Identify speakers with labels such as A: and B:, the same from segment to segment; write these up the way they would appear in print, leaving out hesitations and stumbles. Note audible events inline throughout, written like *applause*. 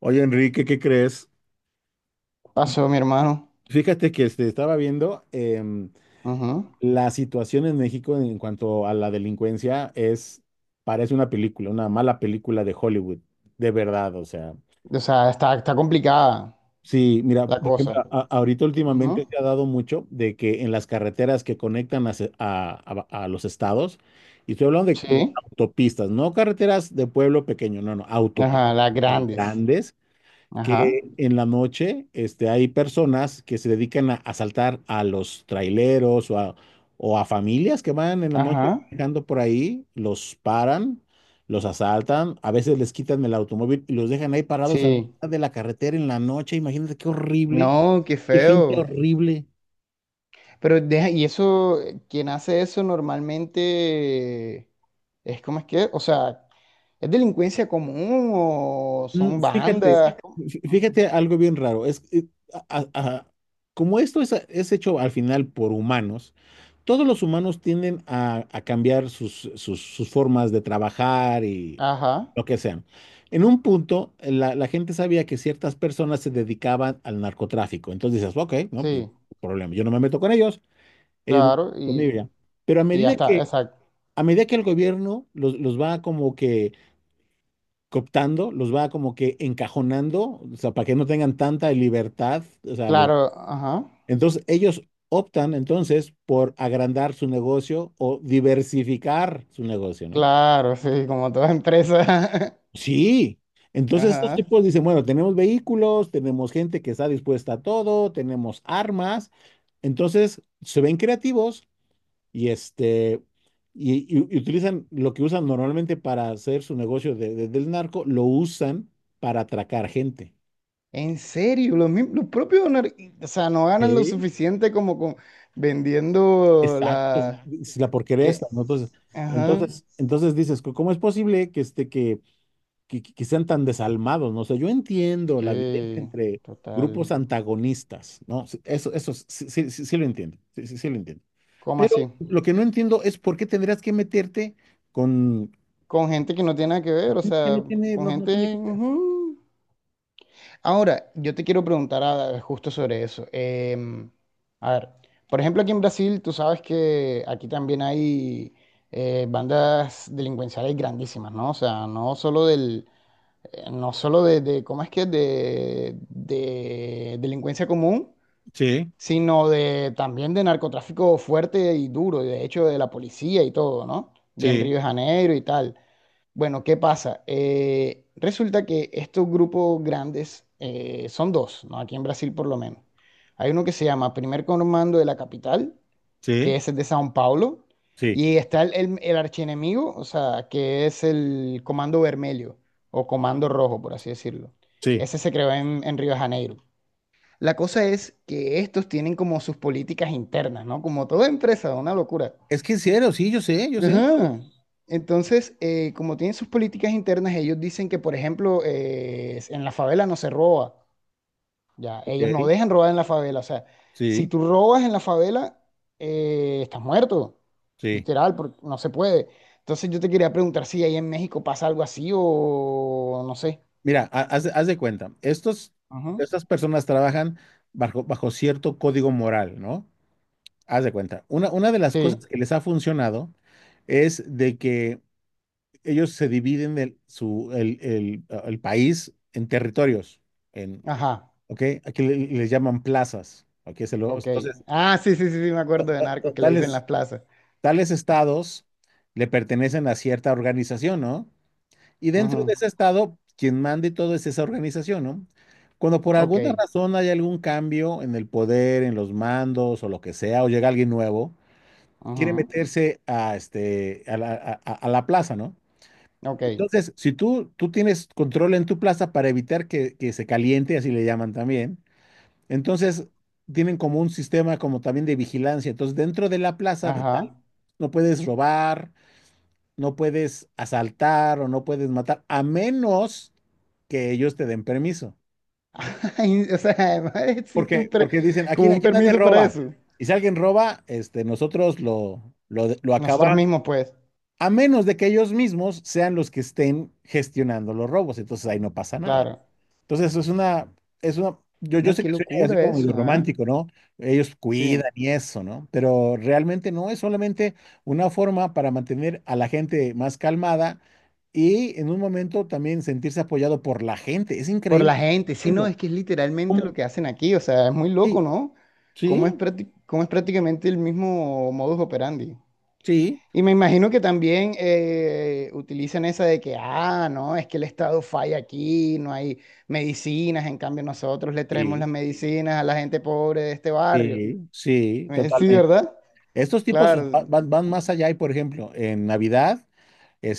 A: Oye, Enrique, ¿qué crees?
B: Pasó mi hermano.
A: Fíjate que estaba viendo
B: Ujú.
A: la situación en México en cuanto a la delincuencia es, parece una película, una mala película de Hollywood, de verdad, o sea.
B: O sea, está complicada
A: Sí, mira,
B: la
A: por ejemplo,
B: cosa.
A: ahorita últimamente
B: Ujú.
A: se ha dado mucho de que en las carreteras que conectan a, se- a los estados, y estoy hablando de
B: Sí.
A: autopistas, no carreteras de pueblo pequeño, no, no, autopistas
B: Ajá, las grandes.
A: grandes
B: Ajá.
A: que en la noche hay personas que se dedican a asaltar a los traileros o a familias que van en la noche
B: Ajá.
A: manejando por ahí, los paran, los asaltan, a veces les quitan el automóvil y los dejan ahí parados a la
B: Sí.
A: mitad de la carretera en la noche. Imagínate qué horrible,
B: No, qué
A: qué gente
B: feo.
A: horrible.
B: Pero deja, y eso, quien hace eso normalmente es como es que, o sea, ¿es delincuencia común o son
A: Fíjate,
B: bandas?
A: fíjate algo bien raro. Es, a- como esto es hecho al final por humanos, todos los humanos tienden a cambiar sus formas de trabajar y
B: Ajá.
A: lo que sean. En un punto, la gente sabía que ciertas personas se dedicaban al narcotráfico. Entonces dices, ok, no, pues
B: Sí,
A: problema. Yo no me meto con ellos, ellos no
B: claro.
A: conmigo ya. Pero
B: Y ya está, exacto.
A: a medida que el gobierno los va como que cooptando, los va como que encajonando, o sea, para que no tengan tanta libertad, o sea, los...
B: Claro, ajá.
A: Entonces ellos optan entonces por agrandar su negocio o diversificar su negocio, ¿no?
B: Claro, sí, como toda empresa.
A: Sí.
B: *laughs*
A: Entonces estos
B: Ajá,
A: tipos dicen, bueno, tenemos vehículos, tenemos gente que está dispuesta a todo, tenemos armas, entonces se ven creativos y este y utilizan lo que usan normalmente para hacer su negocio del narco, lo usan para atracar gente.
B: en serio, los, los propios, o sea, no ganan lo suficiente como con vendiendo
A: Exacto,
B: la...
A: es la porquería
B: ¿Qué?
A: esta, ¿no?
B: Ajá.
A: Entonces dices, ¿cómo es posible que, este, que sean tan desalmados?" ¿no? O sea, yo entiendo la violencia
B: Sí,
A: entre
B: total.
A: grupos antagonistas, ¿no? Sí, eso sí, sí, sí, sí lo entiendo, sí, sí, sí lo entiendo.
B: ¿Cómo
A: Pero
B: así?
A: lo que no entiendo es por qué tendrías que meterte con...
B: Con gente que no tiene nada que ver, o
A: Que no
B: sea,
A: tiene,
B: con
A: no, no tiene
B: gente,
A: que... ver.
B: ujú. Ahora, yo te quiero preguntar justo sobre eso. A ver, por ejemplo, aquí en Brasil, tú sabes que aquí también hay bandas delincuenciales grandísimas, ¿no? O sea, no solo del no solo de, ¿cómo es que? De delincuencia común,
A: Sí,
B: sino de también de narcotráfico fuerte y duro, y de hecho de la policía y todo, ¿no? De en
A: sí,
B: Río de Janeiro y tal. Bueno, ¿qué pasa? Resulta que estos grupos grandes son dos, ¿no? Aquí en Brasil por lo menos. Hay uno que se llama Primer Comando de la Capital que
A: sí,
B: es el de Sao Paulo,
A: sí,
B: y está el archienemigo, o sea, que es el Comando Vermelho o Comando Rojo, por así decirlo.
A: sí.
B: Ese se creó en Río de Janeiro. La cosa es que estos tienen como sus políticas internas, ¿no? Como toda empresa, una locura.
A: Es que en serio, sí, yo sé, yo sé.
B: Ajá. Entonces, como tienen sus políticas internas, ellos dicen que, por ejemplo, en la favela no se roba. Ya, ellos no
A: Ok,
B: dejan robar en la favela. O sea, si
A: sí,
B: tú robas en la favela, estás muerto.
A: sí.
B: Literal, porque no se puede. Entonces yo te quería preguntar si ahí en México pasa algo así o no sé.
A: Mira, haz de cuenta, estos,
B: Ajá.
A: estas personas trabajan bajo cierto código moral, ¿no? Haz de cuenta. Una de las
B: Sí,
A: cosas que les ha funcionado es de que ellos se dividen el, su, el país en territorios, en,
B: ajá,
A: ¿ok? Aquí les llaman plazas, ¿ok?
B: ok.
A: Entonces,
B: Ah, sí, sí, sí, sí, me acuerdo de narcos que le dicen
A: tales,
B: las plazas.
A: tales estados le pertenecen a cierta organización, ¿no? Y dentro
B: Ajá.
A: de ese estado, quien mande todo es esa organización, ¿no? Cuando por alguna
B: Ok,
A: razón hay algún cambio en el poder, en los mandos o lo que sea, o llega alguien nuevo, quiere
B: ajá.
A: meterse a, este, a la plaza, ¿no?
B: Ok,
A: Entonces, si tú, tú tienes control en tu plaza para evitar que se caliente, así le llaman también, entonces tienen como un sistema como también de vigilancia. Entonces, dentro de la plaza de tal,
B: ajá.
A: no puedes robar, no puedes asaltar o no puedes matar, a menos que ellos te den permiso.
B: *laughs* Ay, o sea, *laughs* además existe un
A: Porque, porque dicen, aquí,
B: como un
A: aquí nadie
B: permiso para
A: roba.
B: eso.
A: Y si alguien roba, nosotros lo
B: Nosotros
A: acabamos,
B: mismos, pues,
A: a menos de que ellos mismos sean los que estén gestionando los robos. Entonces ahí no pasa nada.
B: claro.
A: Entonces eso es una, yo
B: No,
A: sé
B: qué
A: que soy así
B: locura
A: como medio
B: eso, ¿eh?
A: romántico, ¿no? Ellos cuidan
B: Sí.
A: y eso, ¿no? Pero realmente no es solamente una forma para mantener a la gente más calmada y en un momento también sentirse apoyado por la gente. Es
B: Por
A: increíble.
B: la gente, sí, no,
A: Entiendo.
B: es que es literalmente lo
A: ¿Cómo?
B: que hacen aquí, o sea, es muy loco,
A: Sí,
B: ¿no? Cómo es,
A: sí,
B: cómo es prácticamente el mismo modus operandi.
A: sí,
B: Y me imagino que también utilizan esa de que, ah, no, es que el Estado falla aquí, no hay medicinas, en cambio nosotros le traemos las
A: sí,
B: medicinas a la gente pobre de este barrio.
A: sí, sí,
B: Sí,
A: totalmente.
B: ¿verdad?
A: Estos tipos
B: Claro.
A: van, van más allá y, por ejemplo, en Navidad.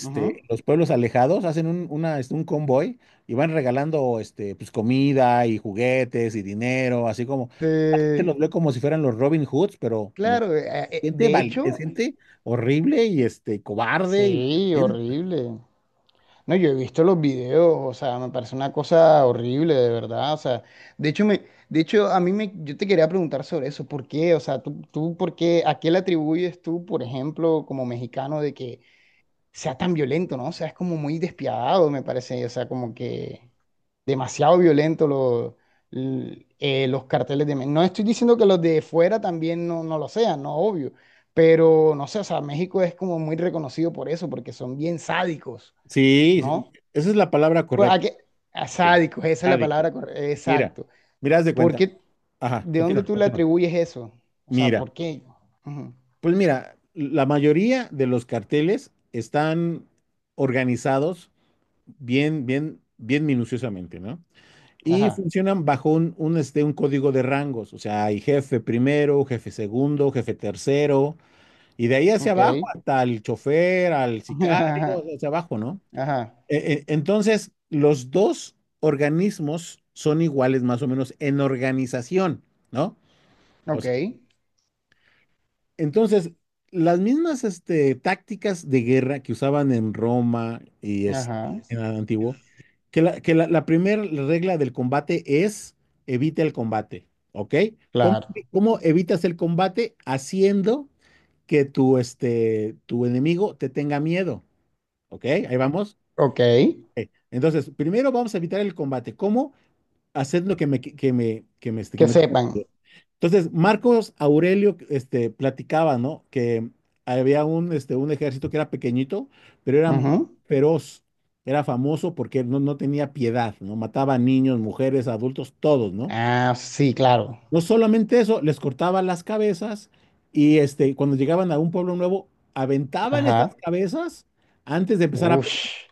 B: Ujú.
A: En los pueblos alejados, hacen un convoy y van regalando pues, comida y juguetes y dinero, así como la gente los
B: Sí,
A: ve como si fueran los Robin Hoods, pero no,
B: claro,
A: gente
B: de
A: valiente,
B: hecho,
A: gente horrible cobarde. Y,
B: sí, horrible. No, yo he visto los videos, o sea, me parece una cosa horrible, de verdad. O sea, de hecho, me, de hecho, a mí me, yo te quería preguntar sobre eso, ¿por qué? O sea, tú, ¿por qué? ¿A qué le atribuyes tú, por ejemplo, como mexicano, de que sea tan violento, ¿no? O sea, es como muy despiadado, me parece. O sea, como que demasiado violento los carteles de... No estoy diciendo que los de fuera también no, no lo sean, no, obvio. Pero, no sé, o sea, México es como muy reconocido por eso, porque son bien sádicos,
A: sí, sí,
B: ¿no?
A: esa es la palabra
B: Pues, ¿a
A: correcta,
B: qué? A sádicos, esa es la
A: sádico.
B: palabra correcta.
A: Mira,
B: Exacto.
A: mira, haz de
B: ¿Por
A: cuenta.
B: qué?
A: Ajá,
B: ¿De dónde
A: continúa,
B: tú le
A: continúa.
B: atribuyes eso? O sea,
A: Mira,
B: ¿por qué? Ujú.
A: pues mira, la mayoría de los carteles están organizados bien, bien, bien minuciosamente, ¿no? Y
B: Ajá.
A: funcionan bajo un código de rangos, o sea, hay jefe primero, jefe segundo, jefe tercero, y de ahí hacia
B: Ok.
A: abajo hasta el chofer, al
B: *laughs*
A: sicario,
B: Ajá.
A: hacia abajo, ¿no?
B: Ajá.
A: Entonces, los dos organismos son iguales más o menos en organización, ¿no? O
B: Ok.
A: sea, entonces, las mismas tácticas de guerra que usaban en Roma
B: Ajá.
A: en el antiguo, la primera regla del combate es evita el combate, ¿ok? ¿Cómo,
B: Claro.
A: cómo evitas el combate? Haciendo que tu enemigo te tenga miedo, ¿ok? Ahí vamos.
B: Ok.
A: Ok. Entonces, primero vamos a evitar el combate. ¿Cómo? Haciendo que
B: Que
A: me tenga
B: sepan.
A: miedo. Entonces, Marcos Aurelio, platicaba, ¿no? Que había un ejército que era pequeñito, pero era muy
B: Ujú.
A: feroz, era famoso porque no, no tenía piedad, ¿no? Mataba a niños, mujeres, adultos, todos, ¿no?
B: Ah, sí, claro.
A: No solamente eso, les cortaba las cabezas cuando llegaban a un pueblo nuevo, aventaban esas
B: Ajá.
A: cabezas antes de empezar a pelear.
B: Ush.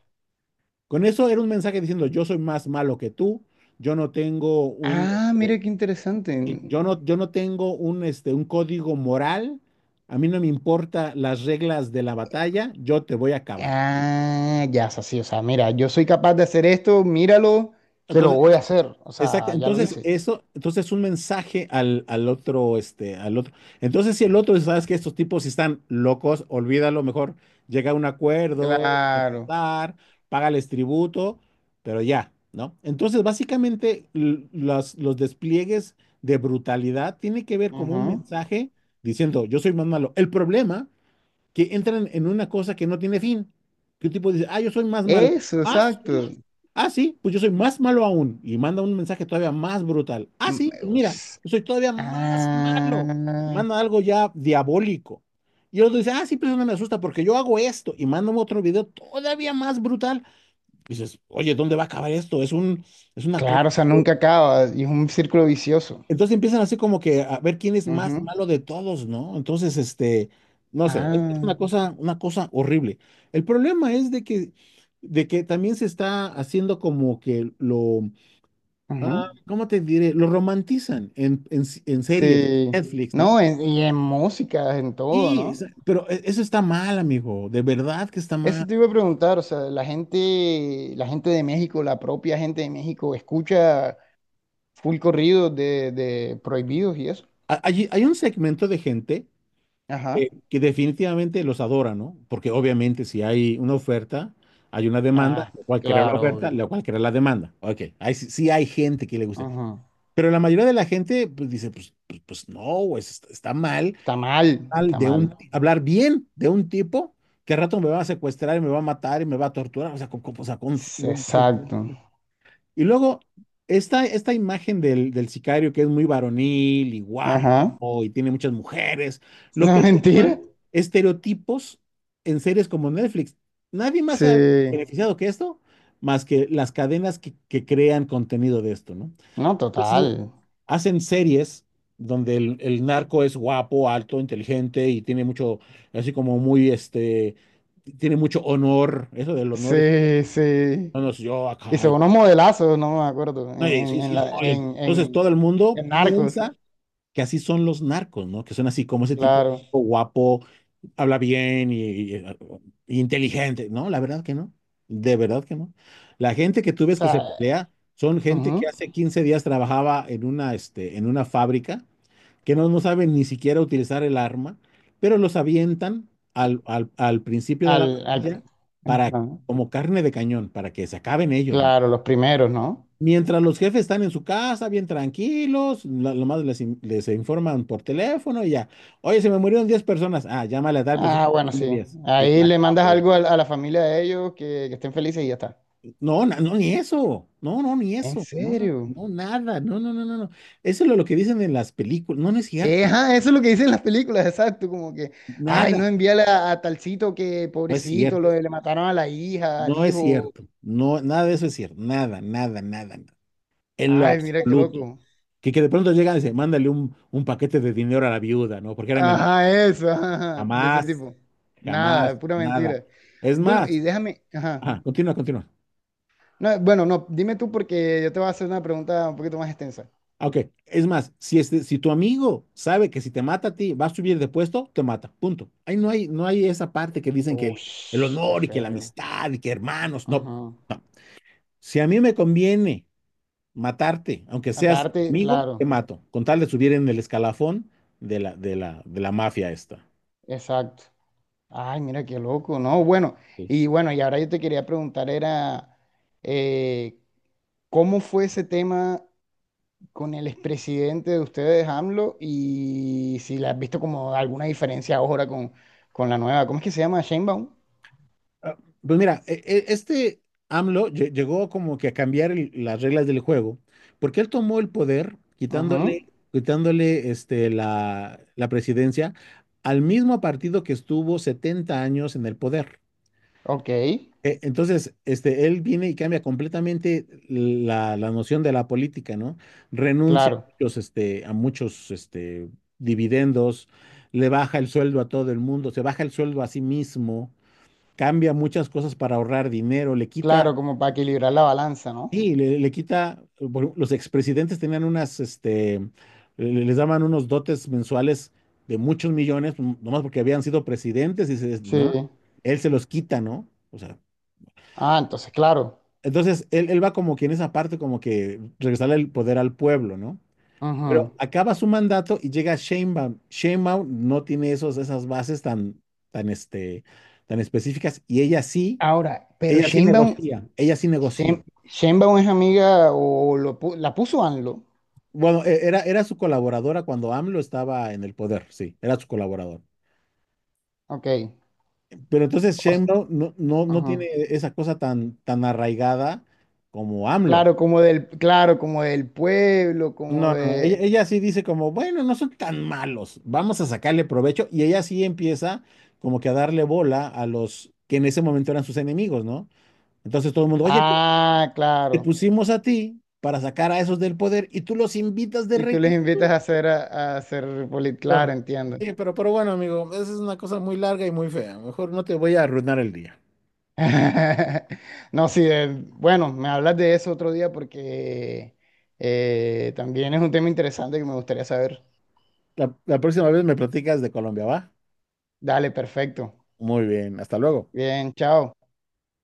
A: Con eso era un mensaje diciendo, yo soy más malo que tú, yo no tengo
B: Ah, mira
A: este,
B: qué
A: sí,
B: interesante.
A: yo no, yo no tengo un código moral, a mí no me importa las reglas de la batalla, yo te voy a acabar.
B: Ah, ya es así. O sea, mira, yo soy capaz de hacer esto, míralo, que lo voy
A: Entonces,
B: a hacer. O
A: exacto.
B: sea, ya lo
A: Entonces,
B: hice.
A: eso, entonces un mensaje al, al otro, al otro. Entonces, si el otro dice, sabes que estos tipos están locos, olvídalo, mejor llega a un acuerdo, deja
B: Claro.
A: pasar, págales tributo, pero ya, ¿no? Entonces, básicamente, los despliegues de brutalidad tiene que ver como un
B: Ajá.
A: mensaje diciendo, yo soy más malo. El problema que entran en una cosa que no tiene fin. Que un tipo dice, ah, yo soy más malo.
B: Eso,
A: Ah,
B: exacto.
A: sí. Ah, sí, pues yo soy más malo aún. Y manda un mensaje todavía más brutal. Ah,
B: Mm,
A: sí, pues mira,
B: es-
A: yo soy todavía más
B: Ah,
A: malo. Y manda algo ya diabólico. Y el otro dice, ah, sí, pero eso no me asusta porque yo hago esto. Y manda otro video todavía más brutal. Y dices, oye, ¿dónde va a acabar esto? Es una cosa.
B: claro, o sea, nunca acaba y es un círculo vicioso.
A: Entonces empiezan así como que a ver quién es más
B: Ujú.
A: malo de todos, ¿no? Entonces, no sé, es
B: Ah,
A: una cosa horrible. El problema es de que también se está haciendo como que
B: ujú.
A: ¿cómo te diré? Lo romantizan en series,
B: Sí.
A: Netflix, ¿no?
B: No, y en música, en todo,
A: Sí, es-
B: ¿no?
A: pero eso está mal, amigo, de verdad que está mal.
B: Eso te iba a preguntar, o sea, la gente de México, la propia gente de México, escucha full corridos de prohibidos y eso.
A: Hay un segmento de gente
B: Ajá.
A: que definitivamente los adora, ¿no? Porque obviamente si hay una oferta, hay una demanda,
B: Ah,
A: lo cual crea la
B: claro,
A: oferta,
B: obvio.
A: lo cual crea la demanda. Ok, ahí sí, sí hay gente que le guste.
B: Ajá.
A: Pero la mayoría de la gente pues, dice, pues, pues, pues no, pues, está mal,
B: Está mal,
A: mal
B: está
A: de
B: mal.
A: un, hablar bien de un tipo que al rato me va a secuestrar y me va a matar y me va a torturar. O sea, con, o sea, no,
B: Exacto.
A: y luego, esta imagen del sicario que es muy varonil y guapo
B: Ajá. *laughs*
A: y tiene muchas mujeres, lo
B: La
A: perpetúan
B: mentira.
A: estereotipos en series como Netflix. Nadie más se ha
B: Sí.
A: beneficiado que esto, más que las cadenas que crean contenido de esto, ¿no?
B: No,
A: Entonces,
B: total.
A: hacen series donde el narco es guapo, alto, inteligente y tiene mucho, así como muy, tiene mucho honor, eso del honor es,
B: Sí, sí.
A: no, no, si yo acá,
B: Hizo unos modelazos, no me acuerdo, en,
A: no, y
B: en,
A: sí,
B: en sí,
A: sí, no,
B: la, sí, en, sí,
A: entonces todo el mundo
B: en Narcos,
A: piensa que así son los narcos, ¿no? Que son así como ese tipo
B: claro.
A: guapo, habla bien y, y- y inteligente. No, la verdad que no. De verdad que no. La gente que tú
B: O
A: ves que se
B: sea,
A: pelea son gente que
B: ujú.
A: hace 15 días trabajaba en una, en una fábrica, que no, no saben ni siquiera utilizar el arma, pero los avientan al al principio de la
B: Al, al,
A: batalla para,
B: ajá.
A: como carne de cañón, para que se acaben ellos, ¿no?
B: Claro, los primeros, ¿no?
A: Mientras los jefes están en su casa, bien tranquilos, lo más les, in- les informan por teléfono y ya. Oye, se me murieron 10 personas. Ah, llámale a tal persona
B: Ah, bueno,
A: son de
B: sí.
A: 10. Y se
B: Ahí le mandas
A: acabó.
B: algo a la familia de ellos que estén felices y ya está.
A: No, no, ni eso. No, no, ni
B: ¿En
A: eso. No, no,
B: serio?
A: no, nada. No, no, no, no, no. Eso es lo que dicen en las películas. No, no es cierto.
B: Ajá, eso es lo que dicen las películas, exacto, como que, ay, no
A: Nada.
B: envíale a talcito que
A: No es
B: pobrecito, lo,
A: cierto.
B: le mataron a la hija, al
A: No es
B: hijo,
A: cierto. No, nada de eso es cierto. Nada, nada, nada, nada. En lo
B: ay, mira qué
A: absoluto.
B: loco.
A: Que de pronto llegan y dicen, mándale un paquete de dinero a la viuda, ¿no? Porque era mi amiga.
B: Ajá, eso, *laughs* ajá, ajá, de ese
A: Jamás.
B: tipo. Nada,
A: Jamás,
B: es pura
A: nada.
B: mentira.
A: Es
B: Bueno, y
A: más,
B: déjame, ajá.
A: ah, continúa, continúa.
B: No, bueno, no, dime tú porque yo te voy a hacer una pregunta un poquito más extensa.
A: Ah, ok, es más, si, este, si tu amigo sabe que si te mata a ti va a subir de puesto, te mata, punto. Ahí no hay, no hay esa parte que dicen que
B: Uy,
A: el
B: qué
A: honor y que la
B: feo.
A: amistad y que hermanos, no,
B: Ajá.
A: no. Si a mí me conviene matarte, aunque seas mi
B: Matarte,
A: amigo, te
B: claro,
A: mato, con tal de subir en el escalafón de la, de la mafia esta.
B: exacto. Ay, mira qué loco, no, bueno,
A: Sí.
B: y bueno, y ahora yo te quería preguntar era... Eh, ¿Cómo fue ese tema con el expresidente de ustedes, AMLO? Y si le has visto como alguna diferencia ahora con la nueva, ¿cómo es que se llama? Sheinbaum.
A: Ah, pues mira, AMLO llegó como que a cambiar las reglas del juego, porque él tomó el poder
B: Ajá.
A: quitándole, quitándole la, la presidencia al mismo partido que estuvo 70 años en el poder.
B: Ok,
A: Entonces, él viene y cambia completamente la noción de la política, ¿no? Renuncia a
B: claro,
A: muchos, a muchos, dividendos, le baja el sueldo a todo el mundo, se baja el sueldo a sí mismo, cambia muchas cosas para ahorrar dinero, le
B: claro,
A: quita,
B: como para equilibrar la balanza, ¿no?
A: sí, le quita, los expresidentes tenían unas, le- les daban unos dotes mensuales de muchos millones, nomás porque habían sido presidentes y se, ¿no?
B: Sí.
A: Él se los quita, ¿no? O sea,
B: Ah, entonces, claro.
A: entonces él va como que en esa parte, como que regresarle el poder al pueblo, ¿no?
B: Ajá.
A: Pero acaba su mandato y llega Sheinbaum. Sheinbaum no tiene esos, esas bases tan, tan, este, tan específicas y
B: Ahora, pero
A: ella sí
B: Sheinbaum,
A: negocia, ella sí negocia.
B: Sheinbaum es amiga o lo, la puso AMLO.
A: Bueno, era su colaboradora cuando AMLO estaba en el poder, sí, era su colaborador.
B: Ok.
A: Pero entonces
B: O- s-
A: Sheinbaum no, no, no tiene
B: ajá.
A: esa cosa tan, tan arraigada como AMLO.
B: Claro, como del pueblo, como
A: No, no, no,
B: de...
A: ella sí dice como, bueno, no son tan malos, vamos a sacarle provecho. Y ella sí empieza como que a darle bola a los que en ese momento eran sus enemigos, ¿no? Entonces todo el mundo, oye, pero
B: Ah,
A: te
B: claro.
A: pusimos a ti para sacar a esos del poder y tú los invitas de
B: Y tú les invitas
A: regreso.
B: a hacer claro,
A: Pero,
B: entiendo.
A: sí, pero bueno, amigo, esa es una cosa muy larga y muy fea. Mejor no te voy a arruinar el día.
B: *laughs* No, sí, bueno, me hablas de eso otro día porque también es un tema interesante que me gustaría saber.
A: La próxima vez me platicas de Colombia, ¿va?
B: Dale, perfecto.
A: Muy bien, hasta luego.
B: Bien, chao.